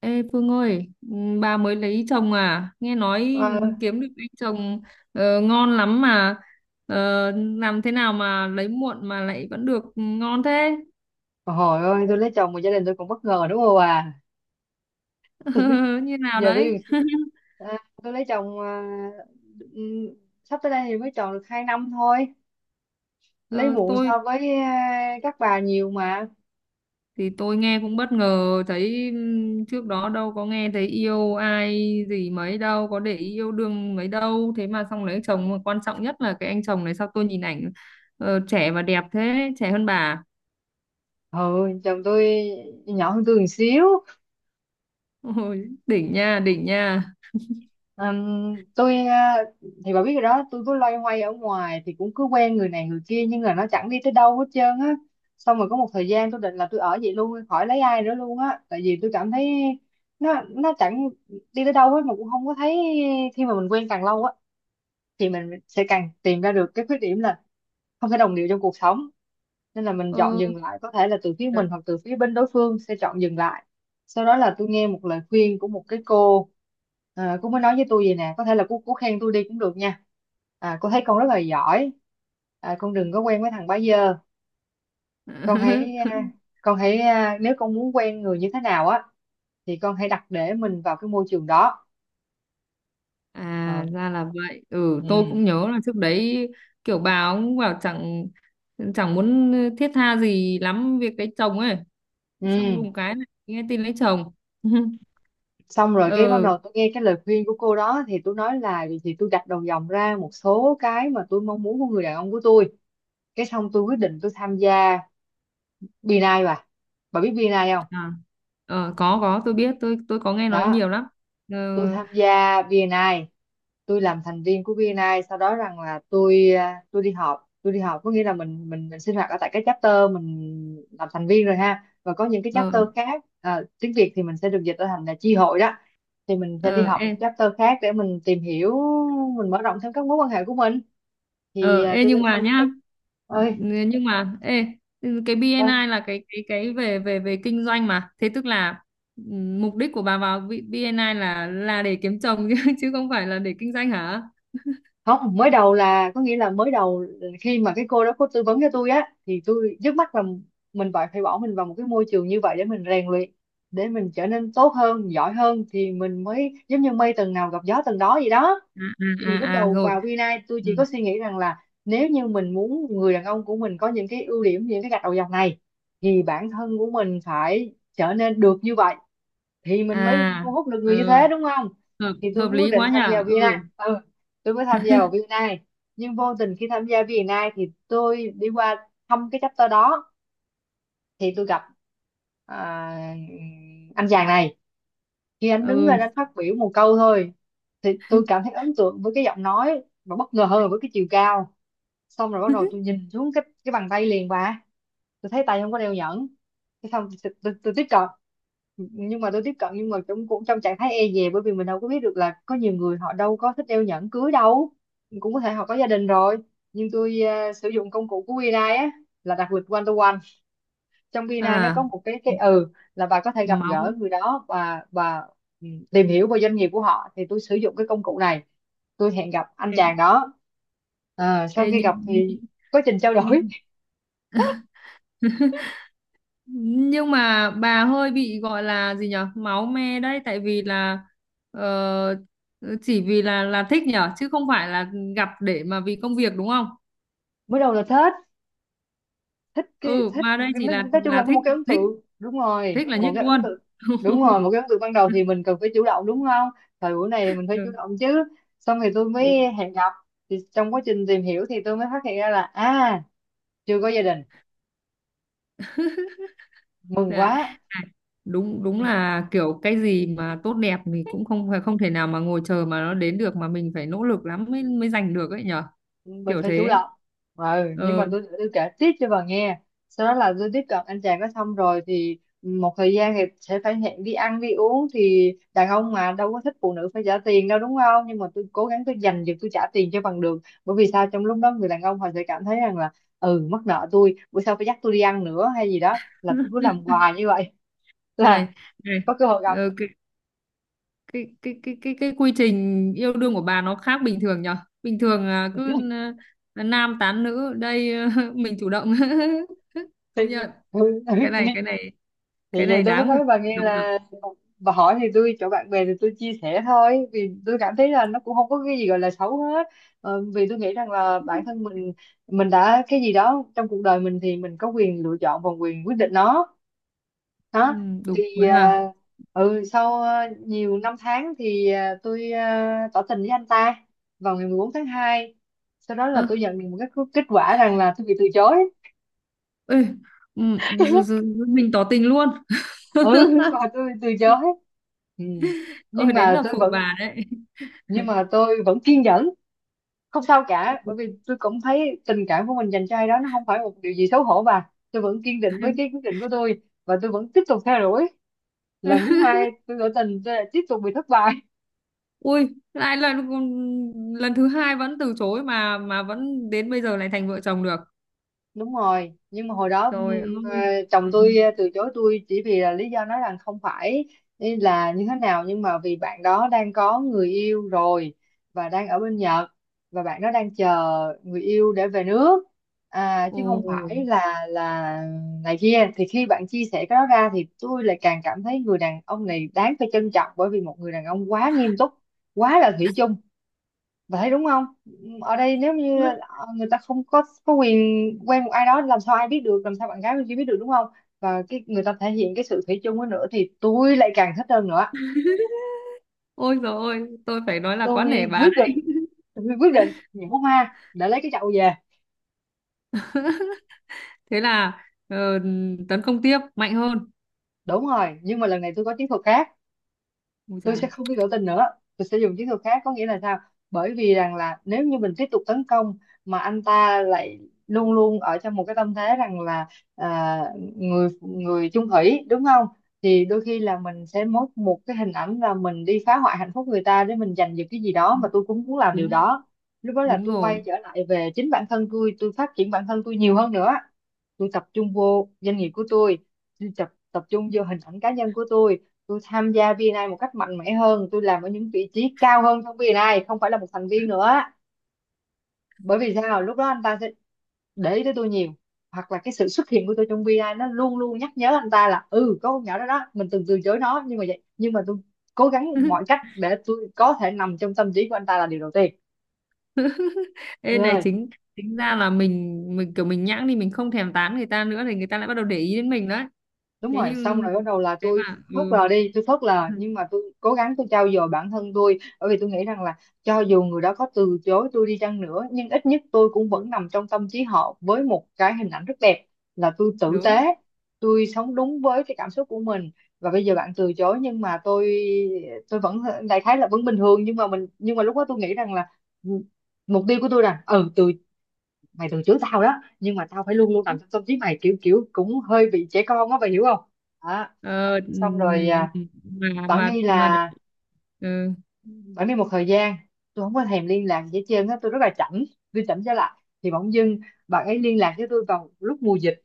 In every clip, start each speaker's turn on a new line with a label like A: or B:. A: Ê Phương ơi, ừ, bà mới lấy chồng à? Nghe nói
B: Ờ,
A: kiếm được anh chồng ngon lắm mà. Ờ, làm thế nào mà lấy muộn mà lại vẫn được ngon thế?
B: hồi ơi tôi lấy chồng mà gia đình tôi còn bất ngờ đúng không bà. Tôi
A: Như nào
B: giờ
A: đấy?
B: tôi à, tôi lấy chồng, ừm, sắp tới đây thì mới tròn được hai năm thôi. Lấy
A: Ờ,
B: muộn
A: tôi
B: so với các bà nhiều mà.
A: thì tôi nghe cũng bất ngờ thấy trước đó đâu có nghe thấy yêu ai gì mấy đâu, có để ý yêu đương mấy đâu, thế mà xong lấy chồng mà quan trọng nhất là cái anh chồng này sao tôi nhìn ảnh trẻ và đẹp thế, trẻ hơn bà.
B: Ừ, chồng tôi nhỏ hơn tôi một xíu.
A: Ôi, đỉnh nha, đỉnh nha.
B: Ừm, tôi ờ, thì bà biết rồi đó, tôi cứ loay hoay ở ngoài thì cũng cứ quen người này người kia nhưng mà nó chẳng đi tới đâu hết trơn á. Xong rồi có một thời gian tôi định là tôi ở vậy luôn khỏi lấy ai nữa luôn á, tại vì tôi cảm thấy nó chẳng đi tới đâu hết mà cũng không có thấy. Khi mà mình quen càng lâu á thì mình sẽ càng tìm ra được cái khuyết điểm là không thể đồng điệu trong cuộc sống, nên là mình chọn
A: Ờ.
B: dừng lại, có thể là từ phía mình hoặc từ phía bên đối phương sẽ chọn dừng lại. Sau đó là tôi nghe một lời khuyên của một cái cô. Cô mới nói với tôi vậy nè, có thể là cô khen tôi đi cũng được nha. Cô thấy con rất là giỏi, con đừng có quen với thằng bá dơ. Con hãy nếu con muốn quen người như thế nào á thì con hãy đặt để mình vào cái môi trường đó.
A: À
B: Ờ.
A: ra là vậy. Ừ, tôi
B: Ừ.
A: cũng nhớ là trước đấy kiểu bà cũng bảo chẳng chẳng muốn thiết tha gì lắm việc lấy chồng ấy. Xong
B: Ừ,
A: đùng cái này nghe tin lấy chồng.
B: xong rồi cái bắt
A: Ừ.
B: đầu tôi nghe cái lời khuyên của cô đó thì tôi nói là vậy thì tôi gạch đầu dòng ra một số cái mà tôi mong muốn của người đàn ông của tôi. Cái xong tôi quyết định tôi tham gia BNI bà biết BNI không?
A: À. Ờ, có tôi biết, tôi có nghe nói nhiều
B: Đó,
A: lắm. Ờ
B: tôi tham gia VNI, tôi làm thành viên của VNI. Sau đó rằng là tôi tôi đi họp, tôi đi họp có nghĩa là mình sinh hoạt ở tại cái chapter mình làm thành viên rồi ha, và có những cái chapter
A: ờ
B: khác, tiếng Việt thì mình sẽ được dịch ra thành là chi hội đó. Thì mình sẽ đi
A: ờ,
B: họp
A: ê.
B: những chapter khác để mình tìm hiểu, mình mở rộng thêm các mối quan hệ của mình. Thì
A: Ờ, ê
B: tôi
A: nhưng
B: đến
A: mà
B: thăm
A: nhá,
B: cái ơi
A: nhưng mà ê cái
B: ơi.
A: BNI là cái về về về kinh doanh mà. Thế tức là mục đích của bà vào B- BNI là để kiếm chồng chứ chứ không phải là để kinh doanh hả?
B: Không, mới đầu là có nghĩa là mới đầu khi mà cái cô đó cô tư vấn cho tôi á thì tôi trước mắt là mình phải phải bỏ mình vào một cái môi trường như vậy để mình rèn luyện, để mình trở nên tốt hơn giỏi hơn thì mình mới giống như mây tầng nào gặp gió tầng đó vậy đó.
A: À
B: Thì lúc
A: à à, à
B: đầu
A: rồi.
B: vào Vina tôi
A: Ừ.
B: chỉ có suy nghĩ rằng là nếu như mình muốn người đàn ông của mình có những cái ưu điểm những cái gạch đầu dòng này thì bản thân của mình phải trở nên được như vậy thì mình mới
A: À
B: hút được người như thế,
A: ừ,
B: đúng không.
A: hợp
B: Thì tôi
A: hợp
B: mới quyết
A: lý
B: định
A: quá
B: tham gia
A: nhở.
B: VNI.
A: Ừ,
B: Ừ, tôi mới tham gia vào VNI. Nhưng vô tình khi tham gia VNI thì tôi đi qua thăm cái chapter đó thì tôi gặp à, anh chàng này. Khi anh đứng
A: ừ.
B: lên anh phát biểu một câu thôi thì tôi cảm thấy ấn tượng với cái giọng nói và bất ngờ hơn với cái chiều cao. Xong rồi bắt đầu tôi nhìn xuống cái bàn tay liền bà, tôi thấy tay không có đeo nhẫn. Thế xong tôi tiếp cận, nhưng mà tôi tiếp cận nhưng mà cũng cũng trong trạng thái e dè, bởi vì mình đâu có biết được là có nhiều người họ đâu có thích đeo nhẫn cưới đâu, cũng có thể họ có gia đình rồi. Nhưng tôi sử dụng công cụ của BNI á, là đặt lịch one to one. Trong BNI nó
A: À
B: có một cái cái là bà có thể gặp
A: máu.
B: gỡ người đó và tìm hiểu về doanh nghiệp của họ, thì tôi sử dụng cái công cụ này, tôi hẹn gặp anh chàng
A: Ê,
B: đó. Ờ, sau
A: ê
B: khi gặp thì quá trình trao đổi
A: nhưng mà bà hơi bị gọi là gì nhở, máu me đấy, tại vì là ờ, chỉ vì là thích nhở, chứ không phải là gặp để mà vì công việc, đúng không?
B: mới đầu là thế, thích cái
A: Ừ
B: thích,
A: mà đây chỉ
B: nói chung là
A: là
B: có một
A: thích,
B: cái ấn
A: thích
B: tượng, đúng rồi,
A: thích là
B: một
A: nhất
B: cái ấn
A: luôn.
B: tượng, đúng rồi, một cái ấn tượng ban đầu thì mình cần phải chủ động đúng không, thời buổi này mình phải chủ
A: Ừ.
B: động chứ. Xong thì tôi mới
A: Ừ.
B: hẹn gặp, thì trong quá trình tìm hiểu thì tôi mới phát hiện ra là à, chưa có gia đình, mừng
A: Dạ.
B: quá.
A: À, đúng đúng là kiểu cái gì mà tốt đẹp thì cũng không phải không thể nào mà ngồi chờ mà nó đến được, mà mình phải nỗ lực lắm mới mới giành được ấy nhở,
B: Mình
A: kiểu
B: phải chủ
A: thế.
B: động. Ừ, nhưng mà
A: Ừ.
B: tôi kể tiếp cho bà nghe. Sau đó là tôi tiếp cận anh chàng đó, xong rồi thì một thời gian thì sẽ phải hẹn đi ăn đi uống, thì đàn ông mà đâu có thích phụ nữ phải trả tiền đâu đúng không, nhưng mà tôi cố gắng tôi dành được tôi trả tiền cho bằng được, bởi vì sao, trong lúc đó người đàn ông họ sẽ cảm thấy rằng là ừ mắc nợ tôi, bữa sau phải dắt tôi đi ăn nữa hay gì đó, là tôi cứ làm hoài như vậy là
A: Này này,
B: có cơ hội gặp.
A: ờ, cái, cái quy trình yêu đương của bà nó khác bình thường nhở. Bình thường cứ nam tán nữ đây à, mình chủ động. Công
B: thì,
A: nhận cái này, cái này cái
B: thì vậy
A: này
B: tôi mới
A: đáng phải
B: nói bà nghe
A: đồng động.
B: là bà hỏi thì tôi chỗ bạn bè thì tôi chia sẻ thôi, vì tôi cảm thấy là nó cũng không có cái gì gọi là xấu hết. Ờ, vì tôi nghĩ rằng là bản thân mình đã cái gì đó trong cuộc đời mình thì mình có quyền lựa chọn và quyền quyết định nó. Đó,
A: Ừ, đúng
B: thì
A: rồi hả.
B: sau nhiều năm tháng thì tôi tỏ tình với anh ta vào ngày 14 tháng hai. Sau đó
A: Ơ,
B: là tôi nhận được một cái kết quả rằng là tôi bị từ chối.
A: ê, ừ, giờ- giờ- giờ mình tỏ tình luôn.
B: Ừ. Và tôi từ chối. Ừ. Nhưng
A: Ôi đến
B: mà
A: là
B: tôi
A: phụ
B: vẫn,
A: bà đấy.
B: nhưng mà tôi vẫn kiên nhẫn, không sao cả, bởi vì tôi cũng thấy tình cảm của mình dành cho ai đó nó không phải một điều gì xấu hổ, và tôi vẫn kiên định với cái quyết định của tôi và tôi vẫn tiếp tục theo đuổi. Lần thứ hai tôi tỏ tình tôi lại tiếp tục bị thất bại.
A: Ui lại là lần thứ hai vẫn từ chối mà vẫn đến bây giờ lại thành vợ chồng được.
B: Đúng rồi, nhưng mà hồi đó
A: Trời ơi.
B: chồng tôi từ chối tôi chỉ vì là lý do nói rằng không phải là như thế nào, nhưng mà vì bạn đó đang có người yêu rồi và đang ở bên Nhật, và bạn đó đang chờ người yêu để về nước. Chứ không
A: Ồ,
B: phải là này kia, thì khi bạn chia sẻ cái đó ra thì tôi lại càng cảm thấy người đàn ông này đáng phải trân trọng, bởi vì một người đàn ông quá nghiêm túc, quá là thủy chung, vậy đúng không. Ở đây nếu như người ta không có quyền quen một ai đó, làm sao ai biết được, làm sao bạn gái bên kia biết được đúng không. Và cái người ta thể hiện cái sự thủy chung ấy nữa thì tôi lại càng thích hơn nữa.
A: ôi rồi ôi, tôi phải nói là quá nể
B: Tôi
A: bà
B: quyết định,
A: đấy.
B: tôi quyết định nhổ hoa để lấy cái chậu về.
A: Thế là ờ, tấn công tiếp mạnh hơn.
B: Đúng rồi, nhưng mà lần này tôi có chiến thuật khác.
A: Ôi
B: Tôi
A: dạ,
B: sẽ không có biểu tình nữa, tôi sẽ dùng chiến thuật khác, có nghĩa là sao, bởi vì rằng là nếu như mình tiếp tục tấn công mà anh ta lại luôn luôn ở trong một cái tâm thế rằng là à, người người chung thủy đúng không, thì đôi khi là mình sẽ mất một cái hình ảnh là mình đi phá hoại hạnh phúc người ta để mình giành được cái gì đó, mà tôi cũng muốn làm điều
A: đúng,
B: đó. Lúc đó là
A: đúng
B: tôi
A: rồi.
B: quay trở lại về chính bản thân tôi phát triển bản thân tôi nhiều hơn nữa. Tôi tập trung vô doanh nghiệp của tôi tập tập trung vô hình ảnh cá nhân của tôi. Tôi tham gia VNI một cách mạnh mẽ hơn, tôi làm ở những vị trí cao hơn trong VNI, không phải là một thành viên nữa. Bởi vì sao, lúc đó anh ta sẽ để ý tới tôi nhiều, hoặc là cái sự xuất hiện của tôi trong VNI nó luôn luôn nhắc nhớ anh ta là ừ có con nhỏ đó đó mình từng từ chối nó, nhưng mà vậy nhưng mà tôi cố gắng mọi cách để tôi có thể nằm trong tâm trí của anh ta là điều đầu tiên.
A: Ê này
B: Rồi,
A: chính, chính ra là mình kiểu mình nhãng thì mình không thèm tán người ta nữa thì người ta lại bắt đầu để ý đến mình đấy.
B: đúng
A: Thế
B: rồi, xong
A: nhưng,
B: rồi bắt đầu là
A: thế mà,
B: tôi phớt
A: ừ.
B: lờ đi, tôi phớt lờ, nhưng mà tôi cố gắng tôi trau dồi bản thân tôi, bởi vì tôi nghĩ rằng là cho dù người đó có từ chối tôi đi chăng nữa nhưng ít nhất tôi cũng vẫn nằm trong tâm trí họ với một cái hình ảnh rất đẹp. Là tôi tử tế,
A: Đúng.
B: tôi sống đúng với cái cảm xúc của mình. Và bây giờ bạn từ chối nhưng mà tôi vẫn đại khái là vẫn bình thường, nhưng mà mình nhưng mà lúc đó tôi nghĩ rằng là ừ, mục tiêu của tôi là từ mày từng chửi tao đó, nhưng mà tao phải luôn luôn nằm trong tâm trí mày, kiểu kiểu cũng hơi bị trẻ con á, mày hiểu không. Đó,
A: Ờ,
B: xong rồi
A: mà
B: bạn
A: mà
B: đi
A: mà
B: là
A: ừ.
B: bạn đi một thời gian, tôi không có thèm liên lạc gì hết trơn á, tôi rất là chảnh, tôi chảnh trở lại. Thì bỗng dưng bạn ấy liên lạc với tôi vào lúc mùa dịch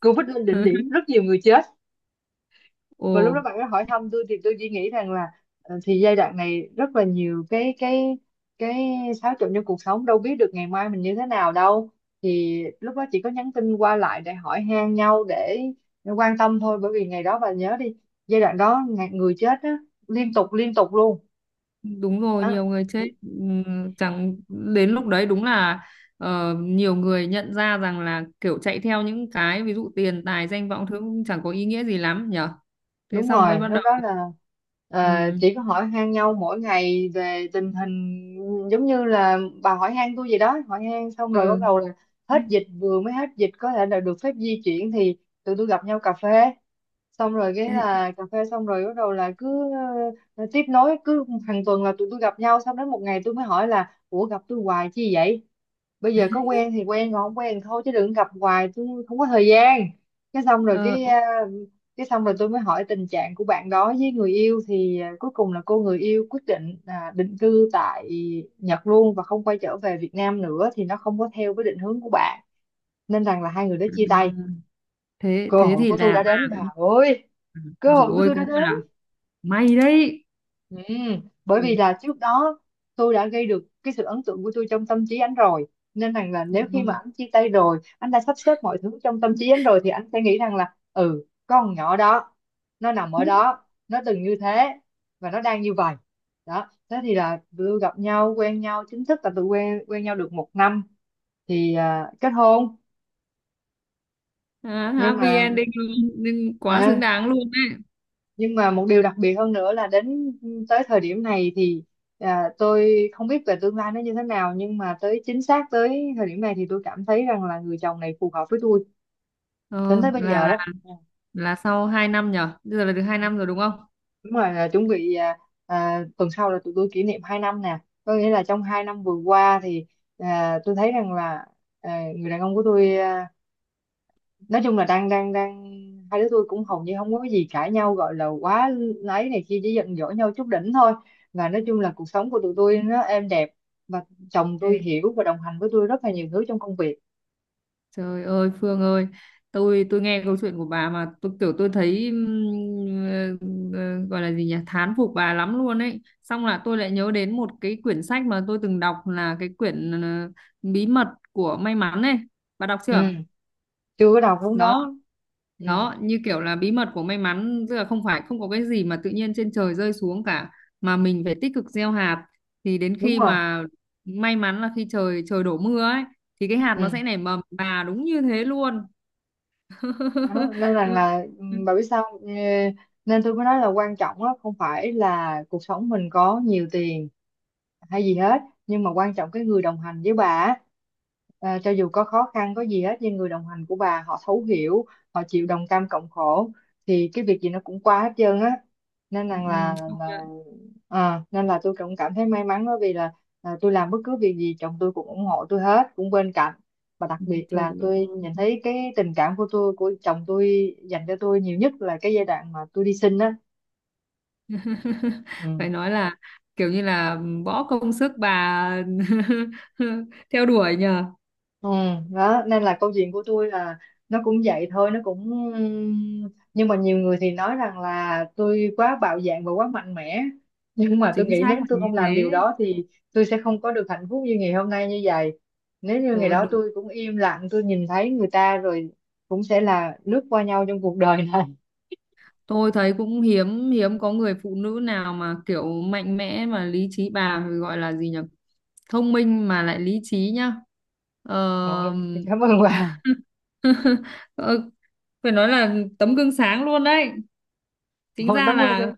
B: Covid lên đỉnh điểm, rất nhiều người chết.
A: Ồ.
B: Và lúc đó bạn ấy hỏi thăm tôi thì tôi chỉ nghĩ rằng là thì giai đoạn này rất là nhiều cái cái xáo trộn trong cuộc sống, đâu biết được ngày mai mình như thế nào đâu. Thì lúc đó chỉ có nhắn tin qua lại để hỏi han nhau, để quan tâm thôi, bởi vì ngày đó bà nhớ đi, giai đoạn đó người chết á, liên tục luôn.
A: Đúng rồi, nhiều
B: Đó.
A: người chết. Chẳng đến lúc đấy đúng là nhiều người nhận ra rằng là kiểu chạy theo những cái ví dụ tiền tài danh vọng thứ cũng chẳng có ý nghĩa gì lắm nhở. Thế
B: Đúng
A: xong mới
B: rồi,
A: bắt
B: lúc
A: đầu
B: đó là
A: ừm,
B: chỉ có hỏi han nhau mỗi ngày về tình hình, giống như là bà hỏi han tôi gì đó, hỏi han xong rồi bắt
A: ừ.
B: đầu là hết dịch, vừa mới hết dịch có thể là được phép di chuyển thì tụi tôi gặp nhau cà phê. Xong rồi cái
A: Thế,
B: là cà phê xong rồi bắt đầu là cứ tiếp nối cứ hàng tuần là tụi tôi gặp nhau. Xong đến một ngày tôi mới hỏi là ủa, gặp tôi hoài chi vậy, bây giờ có quen thì quen, còn không quen thì thôi, chứ đừng gặp hoài, tôi không có thời gian. Cái xong rồi
A: ờ,
B: cái
A: ốc-
B: cái xong rồi tôi mới hỏi tình trạng của bạn đó với người yêu, thì cuối cùng là cô người yêu quyết định là định cư tại Nhật luôn và không quay trở về Việt Nam nữa, thì nó không có theo với định hướng của bạn, nên rằng là hai người đã chia tay.
A: thế
B: Cơ
A: thế
B: hội
A: thì
B: của tôi
A: là
B: đã
A: bà
B: đến bà
A: cũng
B: ơi, cơ
A: rồi,
B: hội của
A: ôi
B: tôi
A: cũng
B: đã
A: gọi
B: đến.
A: là may đấy.
B: Ừ. Bởi
A: Ừ,
B: vì là trước đó tôi đã gây được cái sự ấn tượng của tôi trong tâm trí anh rồi, nên rằng là nếu khi
A: đúng
B: mà
A: rồi.
B: anh chia tay rồi, anh đã sắp xếp mọi thứ trong tâm trí anh rồi, thì anh sẽ nghĩ rằng là ừ, con nhỏ đó nó nằm ở đó, nó từng như thế và nó đang như vậy. Đó, thế thì là tụi tôi gặp nhau, quen nhau chính thức là tụi quen quen nhau được một năm thì kết hôn.
A: À,
B: Nhưng
A: happy
B: mà
A: ending luôn, nhưng quá xứng
B: à,
A: đáng luôn đấy.
B: nhưng mà một điều đặc biệt hơn nữa là đến tới thời điểm này thì tôi không biết về tương lai nó như thế nào, nhưng mà tới chính xác tới thời điểm này thì tôi cảm thấy rằng là người chồng này phù hợp với tôi đến
A: Ờ,
B: tới bây giờ đó. Ừ.
A: là sau 2 năm nhở. Bây giờ là được 2 năm rồi đúng không?
B: Đúng rồi, là chuẩn bị tuần sau là tụi tôi kỷ niệm 2 năm nè. Có nghĩa là trong 2 năm vừa qua thì tôi thấy rằng là người đàn ông của tôi nói chung là đang đang đang hai đứa tôi cũng hầu như không có cái gì cãi nhau gọi là quá ấy này kia, chỉ giận dỗi nhau chút đỉnh thôi. Và nói chung là cuộc sống của tụi tôi nó êm đẹp, và chồng
A: Ê,
B: tôi hiểu và đồng hành với tôi rất là nhiều thứ trong công việc.
A: trời ơi Phương ơi, tôi nghe câu chuyện của bà mà tôi kiểu tôi thấy gọi là gì nhỉ, thán phục bà lắm luôn ấy, xong là tôi lại nhớ đến một cái quyển sách mà tôi từng đọc là cái quyển bí mật của may mắn ấy, bà đọc chưa?
B: Ừ, chưa có đầu cũng
A: Đó
B: đó. Ừ.
A: đó, như kiểu là bí mật của may mắn tức là không phải không có cái gì mà tự nhiên trên trời rơi xuống cả, mà mình phải tích cực gieo hạt, thì đến
B: Đúng
A: khi
B: rồi.
A: mà may mắn là khi trời trời đổ mưa ấy, thì cái hạt nó
B: Ừ.
A: sẽ nảy mầm. Bà, đúng như thế luôn.
B: Đó nên rằng
A: Ừ,
B: là
A: ừ,
B: bà biết sao. Ờ, Nên tôi mới nói là quan trọng á, không phải là cuộc sống mình có nhiều tiền hay gì hết, nhưng mà quan trọng cái người đồng hành với bà á. Ờ, cho dù có khó khăn có gì hết, nhưng người đồng hành của bà họ thấu hiểu, họ chịu đồng cam cộng khổ, thì cái việc gì nó cũng qua hết trơn á, nên
A: ừ,
B: rằng là,
A: công nhận.
B: là nên là tôi cũng cảm thấy may mắn, bởi vì là tôi làm bất cứ việc gì chồng tôi cũng ủng hộ tôi hết, cũng bên cạnh. Và đặc
A: Ừ,
B: biệt
A: trời
B: là
A: ơi.
B: tôi nhìn thấy cái tình cảm của tôi, của chồng tôi dành cho tôi nhiều nhất là cái giai đoạn mà tôi đi sinh á. Ừ.
A: Phải nói là kiểu như là bỏ công sức bà theo đuổi nhờ.
B: Ừ. Đó nên là câu chuyện của tôi là nó cũng vậy thôi, nó cũng nhưng mà nhiều người thì nói rằng là tôi quá bạo dạn và quá mạnh mẽ, nhưng mà tôi
A: Chính
B: nghĩ
A: xác
B: nếu
A: là
B: tôi
A: như
B: không làm
A: thế,
B: điều đó thì tôi sẽ không có được hạnh phúc như ngày hôm nay như vậy. Nếu như ngày
A: rồi
B: đó
A: đúng.
B: tôi cũng im lặng, tôi nhìn thấy người ta rồi cũng sẽ là lướt qua nhau trong cuộc đời này.
A: Tôi thấy cũng hiếm, hiếm có người phụ nữ nào mà kiểu mạnh mẽ mà lý trí, bà gọi là gì nhỉ, thông minh mà lại lý trí nhá.
B: Ôi,
A: Ờ.
B: cảm ơn bà.
A: Ờ, phải nói là tấm gương sáng luôn đấy. Tính
B: Ôi,
A: ra
B: cảm ơn.
A: là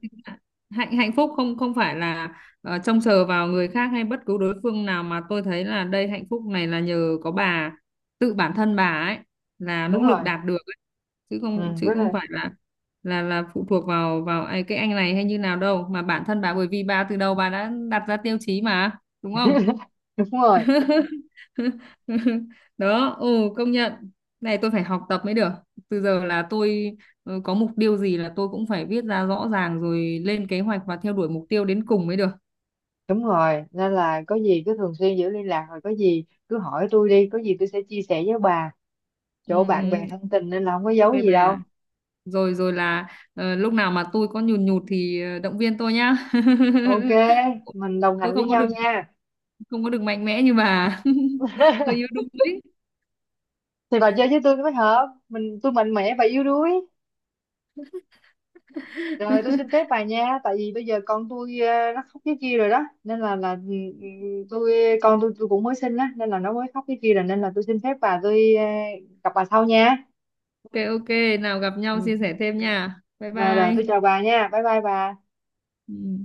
A: hạnh, hạnh phúc không, không phải là trông chờ vào người khác hay bất cứ đối phương nào, mà tôi thấy là đây hạnh phúc này là nhờ có bà, tự bản thân bà ấy là nỗ
B: Đúng
A: lực
B: rồi.
A: đạt được ấy. Chứ
B: Ừ,
A: không,
B: đúng
A: chứ không
B: rồi.
A: phải là phụ thuộc vào vào ai- cái anh này hay như nào đâu, mà bản thân bà, bởi vì bà từ đầu bà đã đặt ra tiêu chí mà, đúng không?
B: Đúng rồi.
A: Đó, ừ, công nhận. Này tôi phải học tập mới được, từ giờ là tôi, ừ, có mục tiêu gì là tôi cũng phải viết ra rõ ràng rồi lên kế hoạch và theo đuổi mục tiêu đến cùng mới được.
B: Đúng rồi, nên là có gì cứ thường xuyên giữ liên lạc, rồi có gì cứ hỏi tôi đi, có gì tôi sẽ chia sẻ với bà,
A: Ừ,
B: chỗ bạn bè
A: ừ, ừ.
B: thân tình nên là không có giấu
A: OK
B: gì
A: bà.
B: đâu.
A: Rồi rồi là lúc nào mà tôi có nhùn nhụt thì động viên tôi nhá,
B: Ok, mình đồng
A: tôi
B: hành với
A: không có được,
B: nhau nha.
A: không có được mạnh mẽ như bà. Hơi yếu đuối.
B: Thì bà chơi với tôi mới hợp, mình tôi mạnh mẽ và yếu đuối. Rồi, tôi xin phép bà nha, tại vì bây giờ con tôi nó khóc cái kia rồi đó, nên là ừ, tôi con tôi cũng mới sinh á nên là nó mới khóc cái kia rồi, nên là tôi xin phép bà, tôi gặp bà sau nha.
A: OK OK, nào gặp nhau chia
B: Ừ.
A: sẻ thêm nha, bye
B: Và rồi
A: bye.
B: tôi chào bà nha. Bye bye bà.
A: Ừ.